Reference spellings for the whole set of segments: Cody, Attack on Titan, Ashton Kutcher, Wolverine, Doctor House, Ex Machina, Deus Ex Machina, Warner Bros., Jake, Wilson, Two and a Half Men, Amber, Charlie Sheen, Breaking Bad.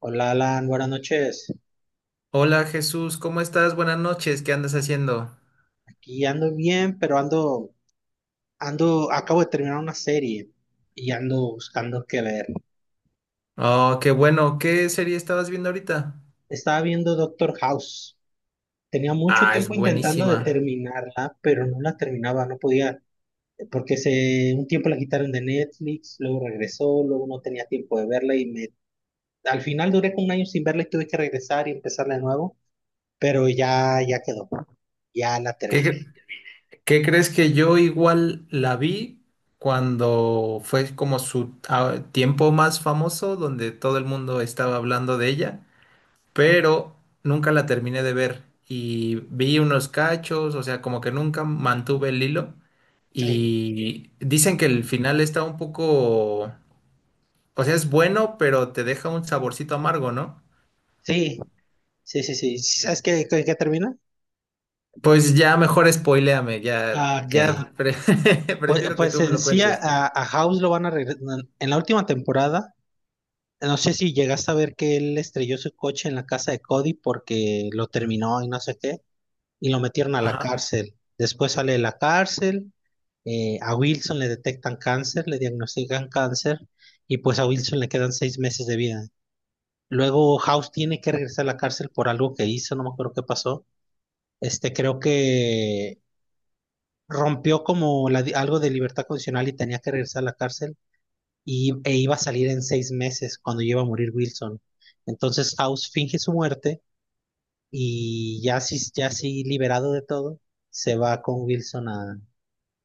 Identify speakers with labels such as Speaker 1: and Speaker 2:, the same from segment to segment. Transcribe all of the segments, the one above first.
Speaker 1: Hola Alan, buenas noches.
Speaker 2: Hola Jesús, ¿cómo estás? Buenas noches, ¿qué andas haciendo?
Speaker 1: Aquí ando bien, pero acabo de terminar una serie y ando buscando qué ver.
Speaker 2: Oh, qué bueno, ¿qué serie estabas viendo ahorita?
Speaker 1: Estaba viendo Doctor House. Tenía mucho
Speaker 2: Ah, es
Speaker 1: tiempo intentando de
Speaker 2: buenísima.
Speaker 1: terminarla, pero no la terminaba, no podía, un tiempo la quitaron de Netflix, luego regresó, luego no tenía tiempo de verla al final duré como un año sin verla y tuve que regresar y empezarla de nuevo, pero ya, ya quedó, ya la
Speaker 2: ¿Qué,
Speaker 1: terminé.
Speaker 2: cre- qué crees que yo igual la vi cuando fue como su tiempo más famoso, donde todo el mundo estaba hablando de ella, pero nunca la terminé de ver y vi unos cachos, o sea, como que nunca mantuve el hilo
Speaker 1: Sí,
Speaker 2: y dicen que el final está un poco. O sea, es bueno, pero te deja un saborcito amargo, ¿no?
Speaker 1: sí, sí, sí, sí. ¿Sabes qué termina?
Speaker 2: Pues ya mejor spoiléame,
Speaker 1: Ah, ok. Pues,
Speaker 2: prefiero que
Speaker 1: pues
Speaker 2: tú me
Speaker 1: en
Speaker 2: lo
Speaker 1: sí a,
Speaker 2: cuentes.
Speaker 1: a House lo van a regresar. En la última temporada, no sé si llegaste a ver que él estrelló su coche en la casa de Cody porque lo terminó y no sé qué, y lo metieron a la
Speaker 2: Ajá.
Speaker 1: cárcel. Después sale de la cárcel, a Wilson le detectan cáncer, le diagnostican cáncer, y pues a Wilson le quedan 6 meses de vida. Luego House tiene que regresar a la cárcel por algo que hizo, no me acuerdo qué pasó. Este, creo que rompió como algo de libertad condicional y tenía que regresar a la cárcel e iba a salir en 6 meses cuando iba a morir Wilson. Entonces House finge su muerte y ya así liberado de todo, se va con Wilson a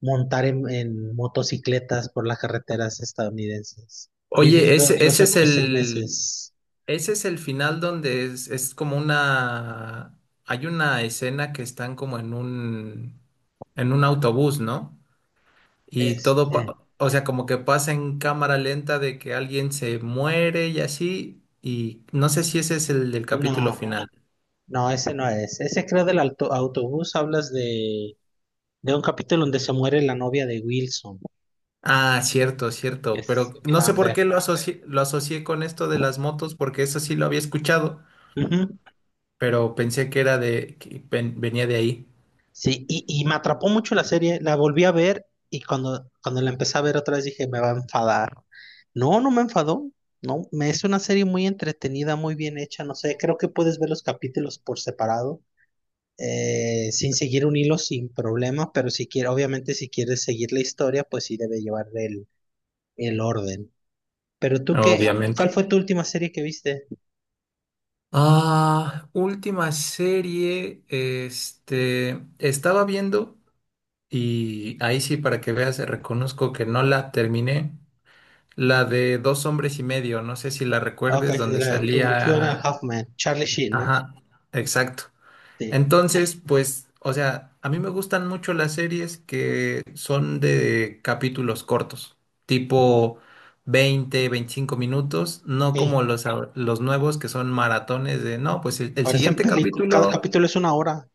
Speaker 1: montar en motocicletas por las carreteras estadounidenses,
Speaker 2: Oye,
Speaker 1: viviendo los otros seis meses.
Speaker 2: ese es el final donde es como hay una escena que están como en un autobús, ¿no? Y todo,
Speaker 1: Este,
Speaker 2: o sea, como que pasa en cámara lenta de que alguien se muere y así, y no sé si ese es el del capítulo
Speaker 1: no,
Speaker 2: final.
Speaker 1: no, ese no es. Ese creo del autobús, hablas de un capítulo donde se muere la novia de Wilson.
Speaker 2: Ah, cierto, cierto,
Speaker 1: Es
Speaker 2: pero no sé por qué
Speaker 1: Amber.
Speaker 2: lo asocié con esto de las motos, porque eso sí lo había escuchado,
Speaker 1: Ujú.
Speaker 2: pero pensé que era de, que venía de ahí,
Speaker 1: Sí, y me atrapó mucho la serie, la volví a ver y cuando la empecé a ver otra vez dije, me va a enfadar. No, no me enfadó, no, me es una serie muy entretenida, muy bien hecha, no sé, creo que puedes ver los capítulos por separado, sin seguir un hilo, sin problema, pero si quieres, obviamente si quieres seguir la historia, pues sí debe llevar el orden. Pero tú, ¿cuál fue
Speaker 2: obviamente.
Speaker 1: tu última serie que viste?
Speaker 2: Ah, última serie, estaba viendo, y ahí sí, para que veas, reconozco que no la terminé, la de Dos hombres y medio, no sé si la
Speaker 1: Ok,
Speaker 2: recuerdes, donde
Speaker 1: Two and a
Speaker 2: salía,
Speaker 1: Half Men, Charlie Sheen, ¿no?
Speaker 2: ajá, exacto. Entonces, pues, o sea, a mí me gustan mucho las series que son de capítulos cortos, tipo 20 25 minutos, no como
Speaker 1: Sí.
Speaker 2: los nuevos que son maratones de, no, pues el
Speaker 1: Parecen
Speaker 2: siguiente
Speaker 1: películas, cada
Speaker 2: capítulo,
Speaker 1: capítulo es una hora.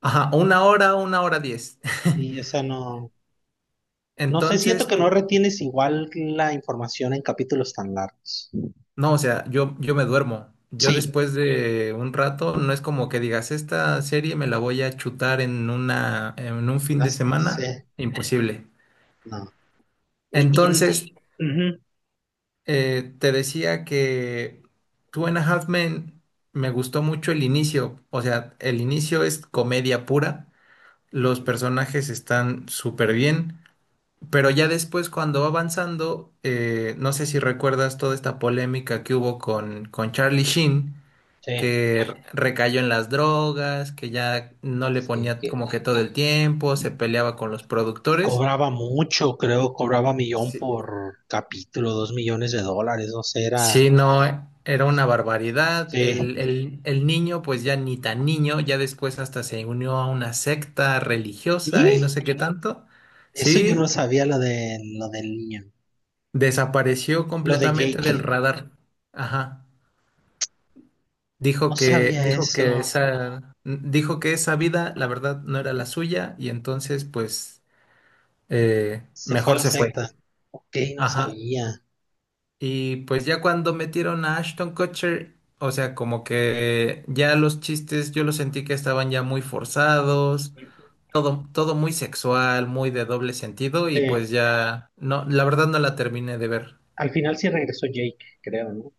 Speaker 2: ajá, una hora diez.
Speaker 1: Y, o sea, no, no sé, siento
Speaker 2: Entonces,
Speaker 1: que no retienes igual la información en capítulos tan largos.
Speaker 2: no, o sea, yo me duermo. Yo
Speaker 1: Sí,
Speaker 2: después de un rato, no es como que digas, esta serie me la voy a chutar en una, en un fin de
Speaker 1: sí,
Speaker 2: semana. Imposible.
Speaker 1: no. Y, y-
Speaker 2: Entonces,
Speaker 1: ujú,
Speaker 2: Te decía que Two and a Half Men me gustó mucho el inicio. O sea, el inicio es comedia pura. Los personajes están súper bien. Pero ya después, cuando va avanzando, no sé si recuerdas toda esta polémica que hubo con Charlie Sheen,
Speaker 1: sí,
Speaker 2: que recayó en las drogas, que ya no le
Speaker 1: sí,
Speaker 2: ponía
Speaker 1: que
Speaker 2: como que todo el tiempo, se peleaba con los productores.
Speaker 1: cobraba mucho, creo, cobraba millón
Speaker 2: Sí,
Speaker 1: por capítulo, $2 millones, no sé, era.
Speaker 2: sí, no, era una barbaridad.
Speaker 1: Sí.
Speaker 2: El niño, pues ya ni tan niño, ya después hasta se unió a una secta religiosa y no
Speaker 1: Y
Speaker 2: sé qué, sí, tanto.
Speaker 1: eso yo no
Speaker 2: Sí,
Speaker 1: sabía lo del niño,
Speaker 2: desapareció
Speaker 1: lo de
Speaker 2: completamente del
Speaker 1: Jake.
Speaker 2: radar. Ajá.
Speaker 1: No sabía eso.
Speaker 2: Dijo que esa vida, la verdad, no era la suya, y entonces, pues,
Speaker 1: Se fue a
Speaker 2: mejor
Speaker 1: la
Speaker 2: se fue.
Speaker 1: secta. Ok, no
Speaker 2: Ajá.
Speaker 1: sabía.
Speaker 2: Y pues ya cuando metieron a Ashton Kutcher, o sea, como que ya los chistes yo los sentí que estaban ya muy forzados, todo, todo muy sexual, muy de doble sentido
Speaker 1: Sí.
Speaker 2: y pues ya no, la verdad no la terminé de ver.
Speaker 1: Al final sí regresó Jake, creo, ¿no?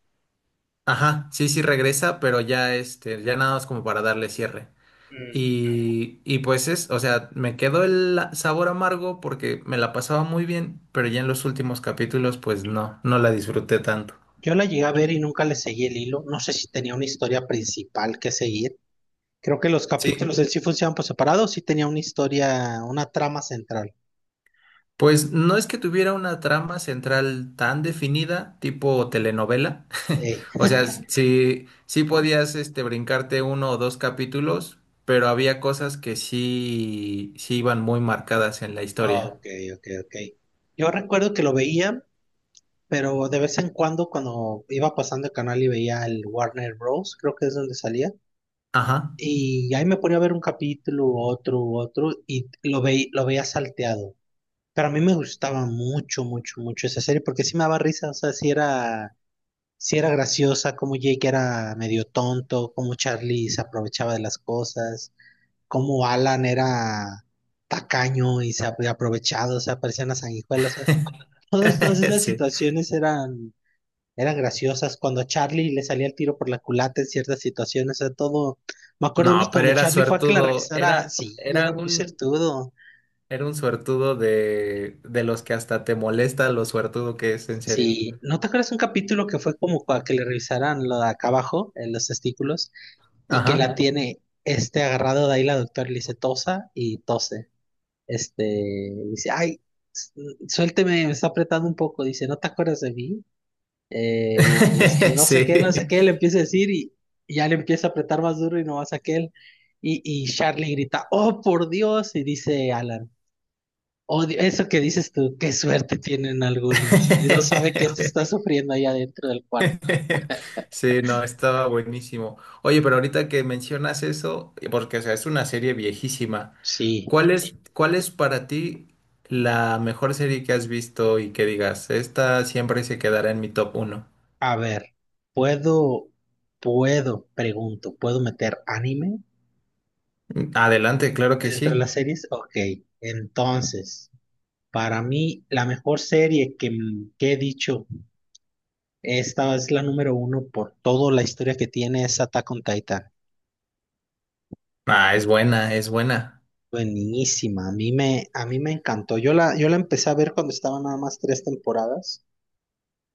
Speaker 2: Ajá, sí, sí regresa, pero ya ya nada más como para darle cierre.
Speaker 1: Mm.
Speaker 2: Y pues o sea, me quedó el sabor amargo porque me la pasaba muy bien, pero ya en los últimos capítulos pues no, no la disfruté tanto.
Speaker 1: Yo la llegué a ver y nunca le seguí el hilo. No sé si tenía una historia principal que seguir. Creo que los capítulos
Speaker 2: Sí,
Speaker 1: él sí funcionaban por separado, sí tenía una historia, una trama central.
Speaker 2: pues no es que tuviera una trama central tan definida, tipo telenovela.
Speaker 1: Eh,
Speaker 2: O sea, sí, sí podías brincarte uno o dos capítulos, pero había cosas que sí, sí iban muy marcadas en la
Speaker 1: ah,
Speaker 2: historia.
Speaker 1: ok, ok, ok. Yo recuerdo que lo veía, pero de vez en cuando, cuando iba pasando el canal y veía el Warner Bros., creo que es donde salía,
Speaker 2: Ajá.
Speaker 1: y ahí me ponía a ver un capítulo, otro, otro, lo veía salteado. Pero a mí me gustaba mucho, mucho, mucho esa serie porque sí me daba risa, o sea, sí era graciosa, como Jake era medio tonto, como Charlie se aprovechaba de las cosas, como Alan era tacaño y se había aprovechado, o sea, parecían a sanguijuela, o sea, todas esas
Speaker 2: Sí.
Speaker 1: situaciones eran, eran graciosas. Cuando a Charlie le salía el tiro por la culata en ciertas situaciones, o sea, todo. Me acuerdo una
Speaker 2: No, pero
Speaker 1: cuando
Speaker 2: era
Speaker 1: Charlie fue a que la
Speaker 2: suertudo,
Speaker 1: revisara, sí, era muy certudo.
Speaker 2: era un suertudo de los que hasta te molesta lo suertudo que es, en serio.
Speaker 1: Sí, ¿no te acuerdas un capítulo que fue como para que le revisaran lo de acá abajo, en los testículos, y que la
Speaker 2: Ajá.
Speaker 1: tiene este agarrado de ahí la doctora y le dice tosa y tose? Este, dice, ay, s- suélteme, me está apretando un poco, dice, ¿no te acuerdas de mí? No sé qué, no
Speaker 2: Sí.
Speaker 1: sé qué, le empieza a decir y ya le empieza a apretar más duro y no más aquel. Y Charlie grita, oh, por Dios, y dice Alan. Odio eso que dices tú, qué suerte tienen algunos. No sabe que se está sufriendo allá dentro del cuarto.
Speaker 2: Sí, no, estaba buenísimo. Oye, pero ahorita que mencionas eso, porque o sea, es una serie viejísima,
Speaker 1: Sí,
Speaker 2: ¿cuál es para ti la mejor serie que has visto y que digas, esta siempre se quedará en mi top 1?
Speaker 1: a ver, puedo, ¿puedo meter anime
Speaker 2: Adelante, claro que
Speaker 1: dentro de
Speaker 2: sí.
Speaker 1: las series? Ok, entonces, para mí, la mejor serie que he dicho, esta es la número uno por toda la historia que tiene es Attack on Titan.
Speaker 2: Ah, es buena, es buena.
Speaker 1: Buenísima, a mí me encantó. Yo la empecé a ver cuando estaban nada más tres temporadas.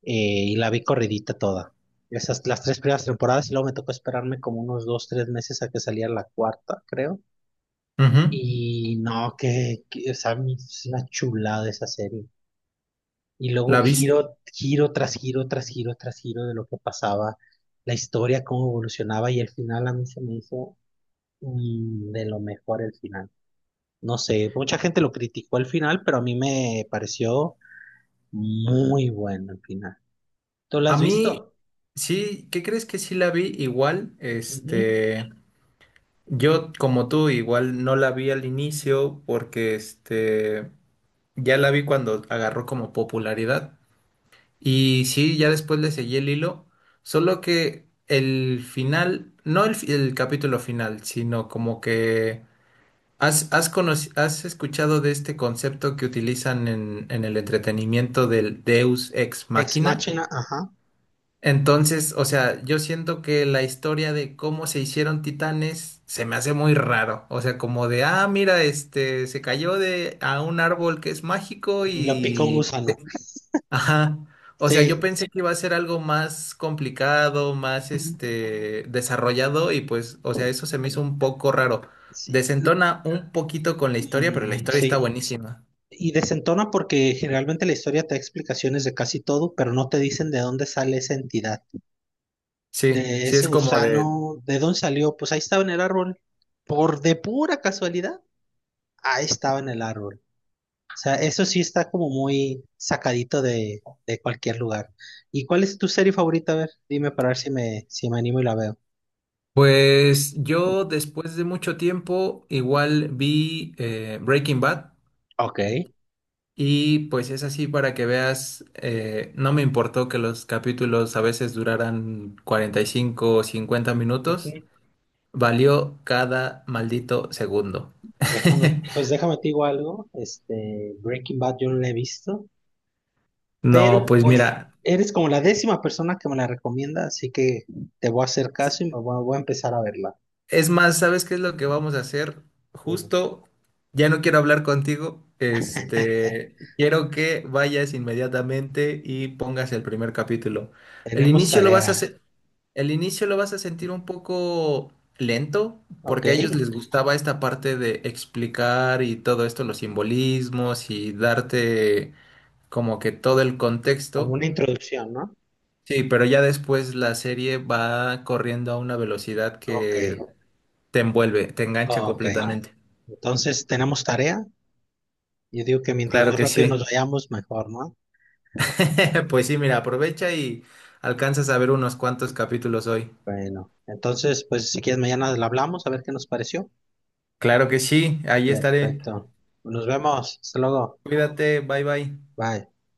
Speaker 1: Y la vi corridita toda. Esas, las tres primeras temporadas y luego me tocó esperarme como unos 2, 3 meses a que saliera la cuarta, creo.
Speaker 2: Ujú.
Speaker 1: Y no, o sea, es una chulada esa serie. Y luego
Speaker 2: La viste.
Speaker 1: giro, giro tras giro, tras giro, tras giro de lo que pasaba, la historia, cómo evolucionaba y el final a mí se me hizo de lo mejor el final. No sé, mucha gente lo criticó el final, pero a mí me pareció muy bueno el final. ¿Tú lo
Speaker 2: A
Speaker 1: has
Speaker 2: mí,
Speaker 1: visto?
Speaker 2: sí, ¿qué crees que sí la vi? Igual,
Speaker 1: Ujú.
Speaker 2: yo como tú, igual no la vi al inicio porque. Ya la vi cuando agarró como popularidad. Y sí, ya después le seguí el hilo. Solo que el final, no el capítulo final, sino como que has escuchado de este concepto que utilizan en el entretenimiento del Deus Ex
Speaker 1: Ex
Speaker 2: Machina.
Speaker 1: Machina, ajá.
Speaker 2: Entonces, o sea, yo siento que la historia de cómo se hicieron titanes se me hace muy raro. O sea, como de, ah, mira, este se cayó de a un árbol que es mágico
Speaker 1: Y lo pica un
Speaker 2: y,
Speaker 1: gusano.
Speaker 2: ajá. O sea, yo
Speaker 1: Sí.
Speaker 2: pensé que iba a ser algo más complicado, más
Speaker 1: Mm,
Speaker 2: desarrollado y pues, o sea, eso se me hizo un poco raro.
Speaker 1: sí.
Speaker 2: Desentona un poquito con la historia, pero la
Speaker 1: Mm,
Speaker 2: historia está
Speaker 1: sí.
Speaker 2: buenísima.
Speaker 1: Y desentona porque generalmente la historia te da explicaciones de casi todo, pero no te dicen de dónde sale esa entidad.
Speaker 2: Sí,
Speaker 1: De
Speaker 2: sí
Speaker 1: ese
Speaker 2: es como de.
Speaker 1: gusano, ¿de dónde salió? Pues ahí estaba en el árbol. Por de pura casualidad, ahí estaba en el árbol. O sea, eso sí está como muy sacadito de cualquier lugar. ¿Y cuál es tu serie favorita? A ver, dime para ver si me, si me animo y la veo.
Speaker 2: Pues yo después de mucho tiempo igual vi Breaking Bad
Speaker 1: Ok.
Speaker 2: y pues es así para que veas, no me importó que los capítulos a veces duraran 45 o 50 minutos. Valió cada maldito segundo.
Speaker 1: Déjame, pues déjame te digo algo, Breaking Bad yo no la he visto,
Speaker 2: No,
Speaker 1: pero
Speaker 2: pues
Speaker 1: pues
Speaker 2: mira,
Speaker 1: eres como la 10.ª persona que me la recomienda, así que te voy a hacer caso y me voy, voy a empezar a verla.
Speaker 2: es más, ¿sabes qué es lo que vamos a hacer?
Speaker 1: Digo,
Speaker 2: Justo, ya no quiero hablar contigo, quiero que vayas inmediatamente y pongas el primer capítulo. El
Speaker 1: tenemos
Speaker 2: inicio lo vas a
Speaker 1: tarea,
Speaker 2: se- el inicio lo vas a sentir un poco lento,
Speaker 1: ¿ok?
Speaker 2: porque a ellos les gustaba esta parte de explicar y todo esto, los simbolismos y darte como que todo el
Speaker 1: Como
Speaker 2: contexto.
Speaker 1: una introducción, ¿no?
Speaker 2: Sí, pero ya después la serie va corriendo a una velocidad
Speaker 1: Ok,
Speaker 2: que te envuelve, te engancha
Speaker 1: ok.
Speaker 2: completamente.
Speaker 1: Entonces tenemos tarea. Yo digo que mientras
Speaker 2: Claro
Speaker 1: más
Speaker 2: que sí.
Speaker 1: rápido nos vayamos, mejor, ¿no?
Speaker 2: Pues sí, mira, aprovecha y alcanzas a ver unos cuantos capítulos hoy.
Speaker 1: Bueno, entonces, pues si quieres mañana la hablamos, a ver qué nos pareció.
Speaker 2: Claro que sí, ahí estaré.
Speaker 1: Perfecto. Nos vemos. Hasta luego.
Speaker 2: Cuídate, bye bye.
Speaker 1: Bye.